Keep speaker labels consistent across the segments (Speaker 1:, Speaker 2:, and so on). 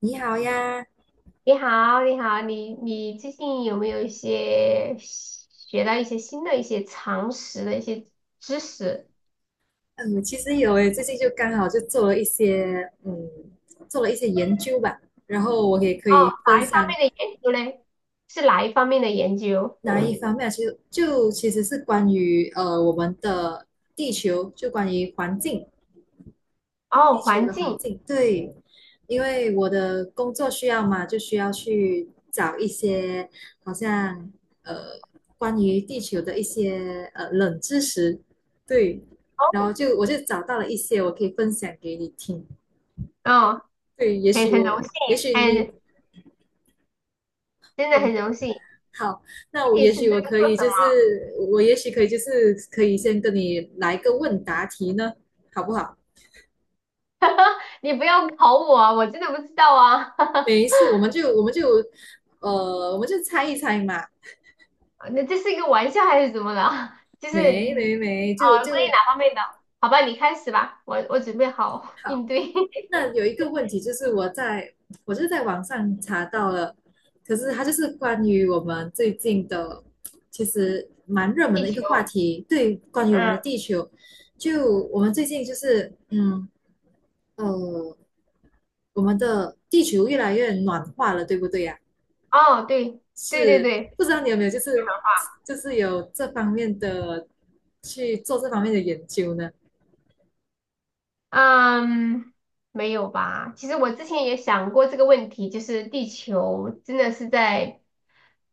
Speaker 1: 你好呀。
Speaker 2: 你好，你好。你最近有没有一些学到一些新的一些常识的一些知识？
Speaker 1: 嗯，其实有诶，最近就刚好就做了一些，做了一些研究吧，然后我也可
Speaker 2: 哦，
Speaker 1: 以分
Speaker 2: 哪一方
Speaker 1: 享。
Speaker 2: 面的研究嘞？是哪一方面的研究？
Speaker 1: 哪一方面啊，其实就是关于我们的地球，就关于环境，
Speaker 2: 哦，
Speaker 1: 地球
Speaker 2: 环
Speaker 1: 的环
Speaker 2: 境。
Speaker 1: 境，对，因为我的工作需要嘛，就需要去找一些好像呃关于地球的一些冷知识，对。然后我就找到了一些我可以分享给你听。
Speaker 2: 哦，
Speaker 1: 对，也
Speaker 2: 很
Speaker 1: 许
Speaker 2: 很荣
Speaker 1: 我，
Speaker 2: 幸，
Speaker 1: 也许你，
Speaker 2: 很真的
Speaker 1: 嗯，
Speaker 2: 很荣幸。
Speaker 1: 好，
Speaker 2: 具
Speaker 1: 那我
Speaker 2: 体
Speaker 1: 也
Speaker 2: 是
Speaker 1: 许
Speaker 2: 在
Speaker 1: 我可
Speaker 2: 做
Speaker 1: 以，
Speaker 2: 什
Speaker 1: 就
Speaker 2: 么？
Speaker 1: 是我也许可以，就是可以先跟你来个问答题呢，好不好？
Speaker 2: 你不要考我啊，我真的不知道啊。
Speaker 1: 没事，我们就,我们就猜一猜嘛。
Speaker 2: 那这是一个玩笑还是怎么了？就是
Speaker 1: 没没没，就
Speaker 2: 啊，关于
Speaker 1: 就
Speaker 2: 哪方面的？好吧，你开始吧，我准备好
Speaker 1: 好。
Speaker 2: 应对。
Speaker 1: 那有一个问题就是我就是在网上查到了，可是它就是关于我们最近的，其实蛮热门
Speaker 2: 地
Speaker 1: 的一
Speaker 2: 球。
Speaker 1: 个话题，对，关于我们的
Speaker 2: 嗯。
Speaker 1: 地球。就我们最近就是，呃，我们的地球越来越暖化了，对不对呀？
Speaker 2: 哦，对对对
Speaker 1: 是，
Speaker 2: 对。
Speaker 1: 不知道你有没有就是有这方面的去做这方面的研究呢？
Speaker 2: 嗯，没有吧？其实我之前也想过这个问题，就是地球真的是在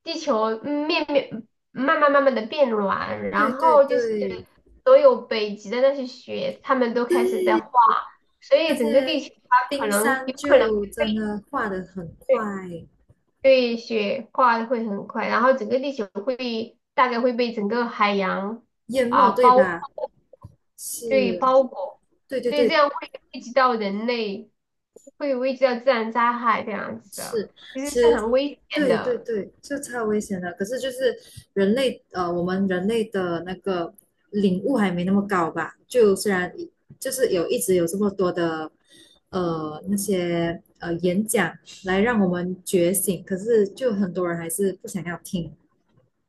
Speaker 2: 地球嗯面面慢慢的变软，然
Speaker 1: 对对
Speaker 2: 后就是
Speaker 1: 对，
Speaker 2: 所有北极的那些雪，它们都开始
Speaker 1: 对，
Speaker 2: 在化，所
Speaker 1: 那
Speaker 2: 以整个地
Speaker 1: 些
Speaker 2: 球它可
Speaker 1: 冰
Speaker 2: 能有
Speaker 1: 山
Speaker 2: 可能。
Speaker 1: 就真的化得很快，
Speaker 2: 对。对，雪化的会很快，然后整个地球会大概会被整个海洋
Speaker 1: 淹没，
Speaker 2: 啊
Speaker 1: 对
Speaker 2: 包。
Speaker 1: 吧？
Speaker 2: 对
Speaker 1: 是，
Speaker 2: 包裹，
Speaker 1: 对对
Speaker 2: 所以这
Speaker 1: 对，
Speaker 2: 样会危及到人类，会危及到自然灾害这样子的，
Speaker 1: 是，
Speaker 2: 其实
Speaker 1: 其
Speaker 2: 是
Speaker 1: 实
Speaker 2: 很危险
Speaker 1: 对对
Speaker 2: 的。
Speaker 1: 对，就超危险的。可是就是人类，我们人类的那个领悟还没那么高吧？就虽然就是有一直有这么多的那些演讲来让我们觉醒，可是就很多人还是不想要听。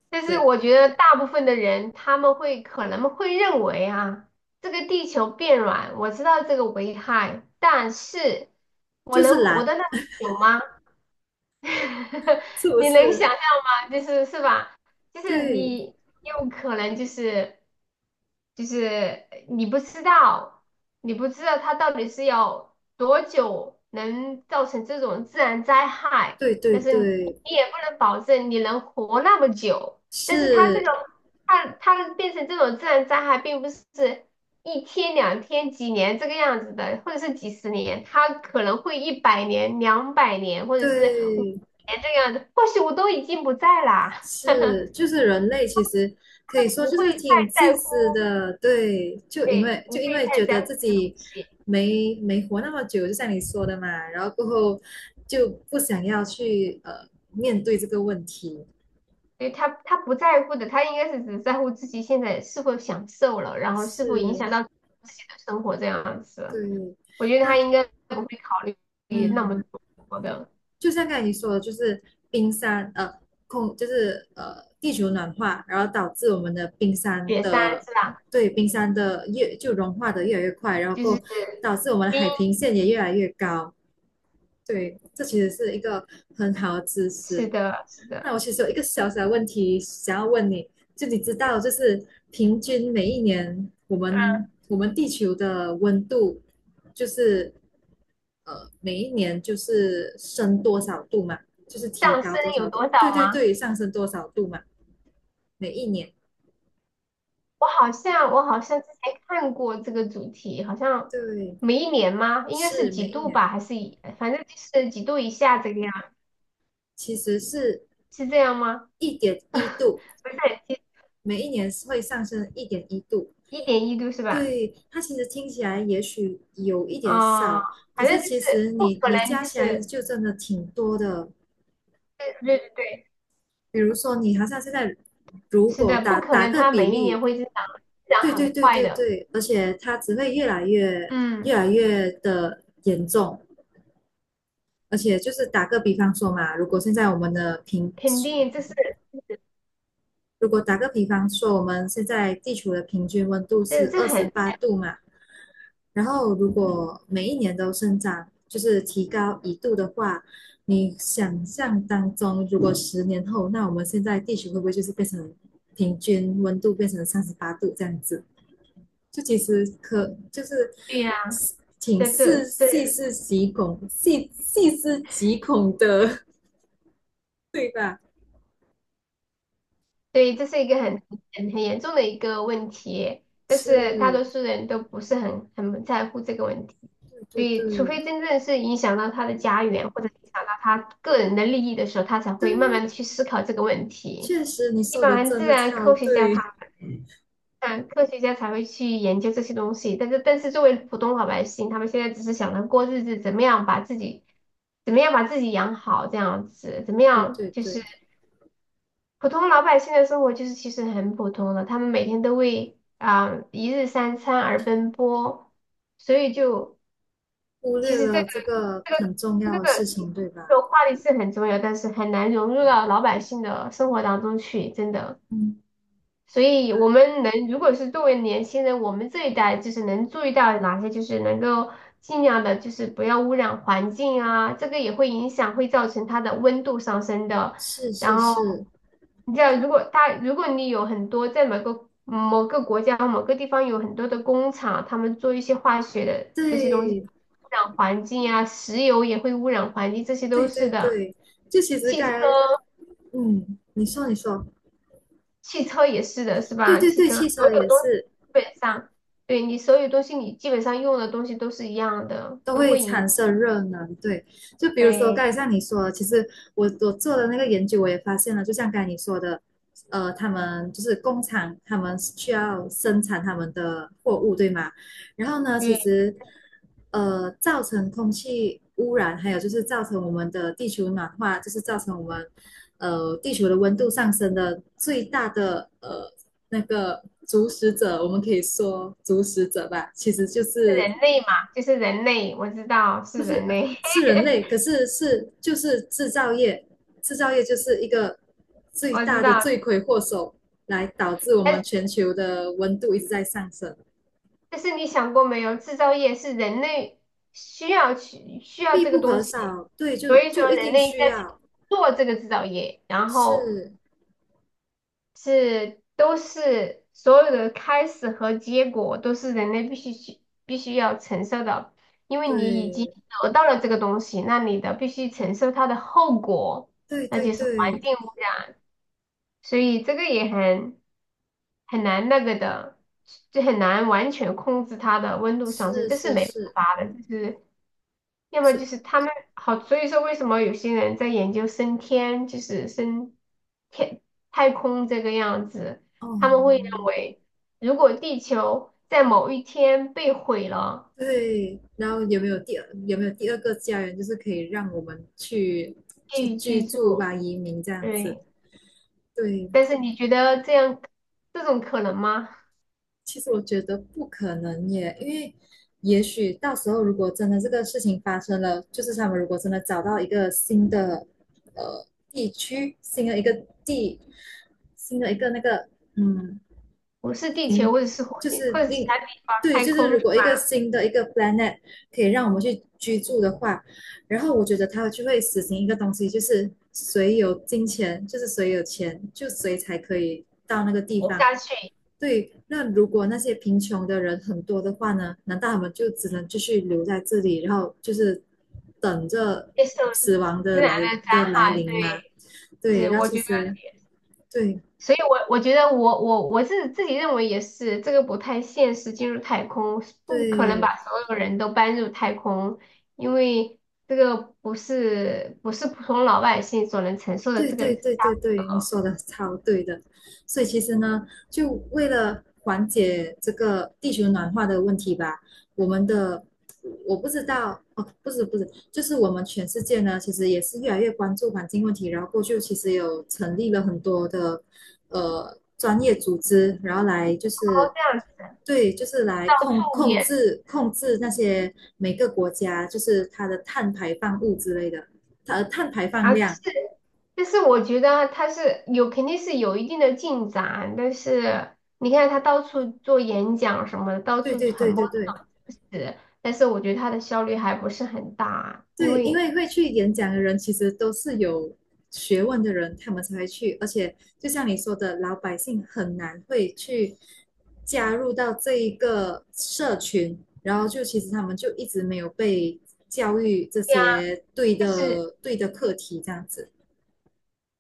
Speaker 2: 但是
Speaker 1: 对，
Speaker 2: 我觉得大部分的人他们会可能会认为啊，这个地球变软，我知道这个危害，但是我
Speaker 1: 就
Speaker 2: 能
Speaker 1: 是
Speaker 2: 活
Speaker 1: 懒，
Speaker 2: 得那么久吗？
Speaker 1: 是不
Speaker 2: 你能想
Speaker 1: 是？
Speaker 2: 象吗？就是是吧？就是
Speaker 1: 对
Speaker 2: 你有可能，就是你不知道，你不知道它到底是要多久能造成这种自然灾害，
Speaker 1: 对对
Speaker 2: 但是你
Speaker 1: 对，
Speaker 2: 你也不能保证你能活那么久。但是它这
Speaker 1: 是，
Speaker 2: 种它变成这种自然灾害，并不是一天、2天、几年这个样子的，或者是几十年，他可能会100年、200年，或者是五
Speaker 1: 对
Speaker 2: 年这个样子。或许我都已经不在啦，
Speaker 1: 是，就是人类其实可
Speaker 2: 他
Speaker 1: 以说
Speaker 2: 不
Speaker 1: 就
Speaker 2: 会
Speaker 1: 是
Speaker 2: 太
Speaker 1: 挺自
Speaker 2: 在
Speaker 1: 私
Speaker 2: 乎，
Speaker 1: 的，对，就因
Speaker 2: 对，
Speaker 1: 为
Speaker 2: 不
Speaker 1: 就
Speaker 2: 会
Speaker 1: 因为
Speaker 2: 太
Speaker 1: 觉
Speaker 2: 在
Speaker 1: 得
Speaker 2: 乎
Speaker 1: 自
Speaker 2: 这个东
Speaker 1: 己
Speaker 2: 西。
Speaker 1: 没活那么久，就像你说的嘛，然后过后就不想要去面对这个问题，
Speaker 2: 对。他不在乎的，他应该是只在乎自己现在是否享受了，然后是否影响
Speaker 1: 是，
Speaker 2: 到自己的生活这样子。
Speaker 1: 对，
Speaker 2: 我觉得他
Speaker 1: 那
Speaker 2: 应该不会考虑那么
Speaker 1: 嗯。
Speaker 2: 多的。
Speaker 1: 就像刚才你说的，就是冰山空，就是地球暖化，然后导致我们的冰山
Speaker 2: 点三
Speaker 1: 的
Speaker 2: 是吧？
Speaker 1: 对冰山的越就融化的越来越快，然后
Speaker 2: 就是
Speaker 1: 够导致我们的
Speaker 2: 冰。
Speaker 1: 海平线也越来越高。对，这其实是一个很好的知
Speaker 2: 是
Speaker 1: 识。
Speaker 2: 的，是
Speaker 1: 那
Speaker 2: 的。
Speaker 1: 我其实有一个小小的问题想要问你，就你知道，就是平均每一年我们地球的温度就是每一年就是升多少度嘛，就是
Speaker 2: 上
Speaker 1: 提
Speaker 2: 升
Speaker 1: 高多少
Speaker 2: 有多
Speaker 1: 度，对
Speaker 2: 少
Speaker 1: 对
Speaker 2: 吗？
Speaker 1: 对，上升多少度嘛，每一年，
Speaker 2: 我好像之前看过这个主题，好像
Speaker 1: 对，
Speaker 2: 每一年吗？应该是
Speaker 1: 是每
Speaker 2: 几
Speaker 1: 一
Speaker 2: 度
Speaker 1: 年，
Speaker 2: 吧，还是反正就是几度以下这个样，
Speaker 1: 其实是
Speaker 2: 是这样吗？
Speaker 1: 一点 一度，
Speaker 2: 不是很记，
Speaker 1: 每一年会上升一点一度。
Speaker 2: 1.1度是吧？
Speaker 1: 对，它其实听起来也许有一点
Speaker 2: 啊，
Speaker 1: 少，可
Speaker 2: 反正
Speaker 1: 是
Speaker 2: 就
Speaker 1: 其实
Speaker 2: 是不
Speaker 1: 你
Speaker 2: 可
Speaker 1: 你
Speaker 2: 能，
Speaker 1: 加
Speaker 2: 就
Speaker 1: 起来
Speaker 2: 是
Speaker 1: 就真的挺多的。
Speaker 2: 对对对对，
Speaker 1: 比如说你好像现在如
Speaker 2: 是
Speaker 1: 果
Speaker 2: 的，不
Speaker 1: 打
Speaker 2: 可
Speaker 1: 打
Speaker 2: 能，
Speaker 1: 个
Speaker 2: 它
Speaker 1: 比
Speaker 2: 每一年
Speaker 1: 例，
Speaker 2: 会增长，增
Speaker 1: 对
Speaker 2: 长
Speaker 1: 对
Speaker 2: 很
Speaker 1: 对
Speaker 2: 快
Speaker 1: 对
Speaker 2: 的。
Speaker 1: 对，而且它只会越
Speaker 2: 嗯，
Speaker 1: 来越的严重，而且就是打个比方说嘛，如果现在我们的平，
Speaker 2: 肯定，这是
Speaker 1: 如果打个比方说，我们现在地球的平均温度是二十
Speaker 2: 很
Speaker 1: 八度嘛，然后如果每一年都生长，就是提高一度的话，你想象当中，如果10年后，那我们现在地球会不会就是变成平均温度变成38度这样子？就其实可就是
Speaker 2: 对呀、
Speaker 1: 挺
Speaker 2: 这这
Speaker 1: 是
Speaker 2: 这
Speaker 1: 细细思极恐的，对吧？
Speaker 2: 对，这是一个很严重的一个问题，但是大多
Speaker 1: 是，
Speaker 2: 数人都不是很在乎这个问题，
Speaker 1: 对
Speaker 2: 所
Speaker 1: 对
Speaker 2: 以除
Speaker 1: 对
Speaker 2: 非真正是影响到他的家园或者影响到他个人的利益的时候，他才
Speaker 1: 对，
Speaker 2: 会慢慢的去思考这个问题。
Speaker 1: 确实你
Speaker 2: 一
Speaker 1: 说的
Speaker 2: 般
Speaker 1: 真
Speaker 2: 自
Speaker 1: 的
Speaker 2: 然
Speaker 1: 超
Speaker 2: 科学家
Speaker 1: 对，
Speaker 2: 他，嗯，科学家才会去研究这些东西，但是作为普通老百姓，他们现在只是想着过日子，怎么样把自己，怎么样把自己养好，这样子，怎么
Speaker 1: 对
Speaker 2: 样
Speaker 1: 对
Speaker 2: 就是。
Speaker 1: 对，
Speaker 2: 普通老百姓的生活就是其实很普通的，他们每天都为啊、一日三餐而奔波，所以就
Speaker 1: 忽
Speaker 2: 其
Speaker 1: 略
Speaker 2: 实
Speaker 1: 了这个
Speaker 2: 这个
Speaker 1: 很重
Speaker 2: 这个
Speaker 1: 要的事情，对
Speaker 2: 这
Speaker 1: 吧？
Speaker 2: 个话题是很重要，但是很难融入到老百姓的生活当中去，真的。
Speaker 1: 嗯，
Speaker 2: 所以
Speaker 1: 啊，
Speaker 2: 我们能，如果是作为年轻人，我们这一代就是能注意到哪些，就是能够尽量的，就是不要污染环境啊，这个也会影响，会造成它的温度上升的。
Speaker 1: 是是
Speaker 2: 然后，
Speaker 1: 是，
Speaker 2: 你知道，如果你有很多在某个国家某个地方有很多的工厂，他们做一些化学的这些东西，
Speaker 1: 对
Speaker 2: 污染环境啊，石油也会污染环境，这些都
Speaker 1: 对
Speaker 2: 是
Speaker 1: 对
Speaker 2: 的。
Speaker 1: 对，就其实
Speaker 2: 汽车
Speaker 1: 该，嗯，你说你说，
Speaker 2: 汽车也是的，是
Speaker 1: 对
Speaker 2: 吧？
Speaker 1: 对
Speaker 2: 汽
Speaker 1: 对，
Speaker 2: 车
Speaker 1: 汽
Speaker 2: 所
Speaker 1: 车
Speaker 2: 有
Speaker 1: 也
Speaker 2: 东西
Speaker 1: 是。
Speaker 2: 基本上，对你所有东西，你基本上用的东西都是一样的，
Speaker 1: 都
Speaker 2: 都
Speaker 1: 会
Speaker 2: 会赢。
Speaker 1: 产生热能，对，就比如说
Speaker 2: 对，
Speaker 1: 刚才像你说的，其实我做的那个研究，我也发现了，就像刚才你说的，他们就是工厂，他们需要生产他们的货物，对吗？然后呢，
Speaker 2: 因
Speaker 1: 其
Speaker 2: 为
Speaker 1: 实造成空气污染，还有就是造成我们的地球暖化，就是造成我们地球的温度上升的最大的那个主使者，我们可以说主使者吧，其实就
Speaker 2: 是
Speaker 1: 是
Speaker 2: 人类嘛，就是人类，我知道是人类。
Speaker 1: 是人类，可是是就是制造业，制造业就是一个 最
Speaker 2: 我知
Speaker 1: 大的
Speaker 2: 道。
Speaker 1: 罪魁祸首，来导致我
Speaker 2: 但
Speaker 1: 们
Speaker 2: 是，
Speaker 1: 全球的温度一直在上升，
Speaker 2: 但是你想过没有，制造业是人类需要
Speaker 1: 必
Speaker 2: 这个
Speaker 1: 不
Speaker 2: 东
Speaker 1: 可
Speaker 2: 西，
Speaker 1: 少。对，就
Speaker 2: 所以
Speaker 1: 就
Speaker 2: 说
Speaker 1: 一
Speaker 2: 人
Speaker 1: 定
Speaker 2: 类
Speaker 1: 需
Speaker 2: 在
Speaker 1: 要，
Speaker 2: 做这个制造业，然后
Speaker 1: 是，
Speaker 2: 是都是所有的开始和结果都是人类必须要承受的，因为你已经
Speaker 1: 对，
Speaker 2: 得到了这个东西，那你的必须承受它的后果，
Speaker 1: 对
Speaker 2: 那
Speaker 1: 对
Speaker 2: 就是环
Speaker 1: 对，
Speaker 2: 境污染，所以这个也很难那个的，就很难完全控制它的温度上升，
Speaker 1: 是
Speaker 2: 这是
Speaker 1: 是
Speaker 2: 没
Speaker 1: 是
Speaker 2: 办法的，就是要么就
Speaker 1: 是，
Speaker 2: 是他们好，所以说为什么有些人在研究升天，就是升天太空这个样子，他们会
Speaker 1: 哦，
Speaker 2: 认为，如果地球在某一天被毁了，
Speaker 1: 对。然后有没有第二个家园，就是可以让我们
Speaker 2: 可
Speaker 1: 去
Speaker 2: 以
Speaker 1: 居
Speaker 2: 居
Speaker 1: 住
Speaker 2: 住。
Speaker 1: 吧，移民这样子。
Speaker 2: 对。
Speaker 1: 对，
Speaker 2: 但是你觉得这种可能吗？
Speaker 1: 其实我觉得不可能耶，因为也许到时候如果真的这个事情发生了，就是他们如果真的找到一个新的呃地区、新的一个地、新的一个那个嗯
Speaker 2: 不是地球，
Speaker 1: 新，
Speaker 2: 或者是火
Speaker 1: 就
Speaker 2: 星，或
Speaker 1: 是
Speaker 2: 者其
Speaker 1: 另
Speaker 2: 他地方
Speaker 1: 对，
Speaker 2: 太
Speaker 1: 就是
Speaker 2: 空
Speaker 1: 如果一个新的一个 planet 可以让我们去居住的话，然后我觉得他就会实行一个东西，就是谁有金钱，就是谁有钱，就谁才可以到那个地
Speaker 2: 活
Speaker 1: 方。
Speaker 2: 下去，
Speaker 1: 对，那如果那些贫穷的人很多的话呢？难道他们就只能继续留在这里，然后就是等着
Speaker 2: 接受
Speaker 1: 死亡
Speaker 2: 自
Speaker 1: 的
Speaker 2: 然的灾
Speaker 1: 来
Speaker 2: 害，对，
Speaker 1: 临吗？对，
Speaker 2: 是
Speaker 1: 那
Speaker 2: 我
Speaker 1: 其
Speaker 2: 觉得。
Speaker 1: 实对
Speaker 2: 所以我觉得我我我自己认为也是，这个不太现实，进入太空不可能把
Speaker 1: 对，
Speaker 2: 所有人都搬入太空，因为这个不是普通老百姓所能承受的
Speaker 1: 对
Speaker 2: 这个
Speaker 1: 对
Speaker 2: 然
Speaker 1: 对对对，你说的超对的。所以其实呢，就为了缓解这个地球暖化的问题吧，我们的我不知道哦，不是不是，就是我们全世界呢，其实也是越来越关注环境问题，然后过去其实有成立了很多的专业组织，然后来就
Speaker 2: 后
Speaker 1: 是
Speaker 2: 这样子
Speaker 1: 对，就是来控
Speaker 2: 后
Speaker 1: 控
Speaker 2: 也
Speaker 1: 制控制那些每个国家就是它的碳排放物之类的，它的碳排放
Speaker 2: 啊，但是
Speaker 1: 量。
Speaker 2: 我觉得他肯定是有一定的进展，但是你看他到处做演讲什么的，到
Speaker 1: 对
Speaker 2: 处
Speaker 1: 对对
Speaker 2: 传
Speaker 1: 对
Speaker 2: 播这
Speaker 1: 对
Speaker 2: 种知识，但是我觉得他的效率还不是很大，因
Speaker 1: 对，因
Speaker 2: 为。
Speaker 1: 为会去演讲的人其实都是有学问的人，他们才会去。而且就像你说的，老百姓很难会去加入到这一个社群，然后就其实他们就一直没有被教育这
Speaker 2: 对，
Speaker 1: 些
Speaker 2: 但是。
Speaker 1: 对的课题这样子。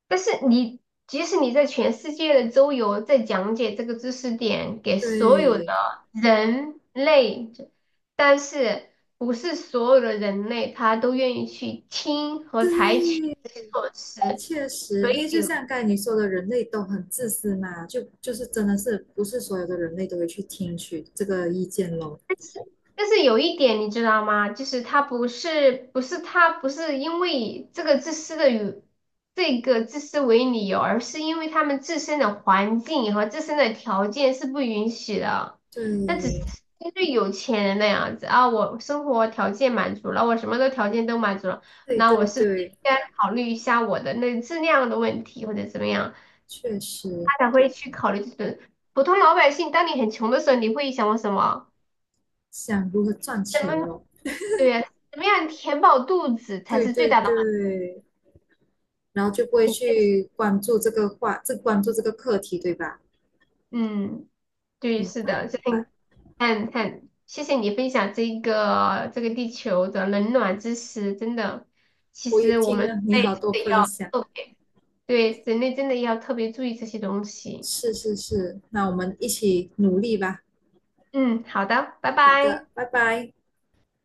Speaker 2: 但是你即使你在全世界的周游，在讲解这个知识点给所有的
Speaker 1: 对
Speaker 2: 人类，但是不是所有的人类他都愿意去听和采取
Speaker 1: 对，
Speaker 2: 这些措施，
Speaker 1: 确实，
Speaker 2: 所
Speaker 1: 因为就
Speaker 2: 以
Speaker 1: 像刚才你说的，人类都很自私嘛，就真的是不是所有的人类都会去听取这个意见咯。
Speaker 2: 但是但是有一点你知道吗？就是他不是因为这个自私的与这个自私为理由，而是因为他们自身的环境和自身的条件是不允许的。那只是
Speaker 1: 对
Speaker 2: 因为有钱人那样子啊，我生活条件满足了，我什么的条件都满足了，
Speaker 1: 对
Speaker 2: 那我
Speaker 1: 对
Speaker 2: 是不是
Speaker 1: 对，
Speaker 2: 应该考虑一下我的那质量的问题或者怎么样？
Speaker 1: 确实
Speaker 2: 他才会去考虑这种普通老百姓。当你很穷的时候，你会想我什么？
Speaker 1: 想如何赚
Speaker 2: 怎
Speaker 1: 钱
Speaker 2: 么？
Speaker 1: 咯。
Speaker 2: 对，呀，怎么样填饱肚子才
Speaker 1: 对
Speaker 2: 是最
Speaker 1: 对
Speaker 2: 大的满
Speaker 1: 对，然后就不会
Speaker 2: 足。
Speaker 1: 去关注这个话，这关注这个课题，对吧？
Speaker 2: 嗯，对，
Speaker 1: 明
Speaker 2: 是
Speaker 1: 白
Speaker 2: 的，
Speaker 1: 明
Speaker 2: 所以你
Speaker 1: 白，
Speaker 2: 看看，谢谢你分享这个地球的冷暖知识，真的，其
Speaker 1: 我也
Speaker 2: 实我
Speaker 1: 听
Speaker 2: 们人
Speaker 1: 了你
Speaker 2: 类
Speaker 1: 好多
Speaker 2: 真的
Speaker 1: 分
Speaker 2: 要
Speaker 1: 享，
Speaker 2: 特别，对，人类真的要特别注意这些东西。
Speaker 1: 是是是，那我们一起努力吧。
Speaker 2: 嗯，好的，拜
Speaker 1: 好
Speaker 2: 拜。
Speaker 1: 的，拜拜。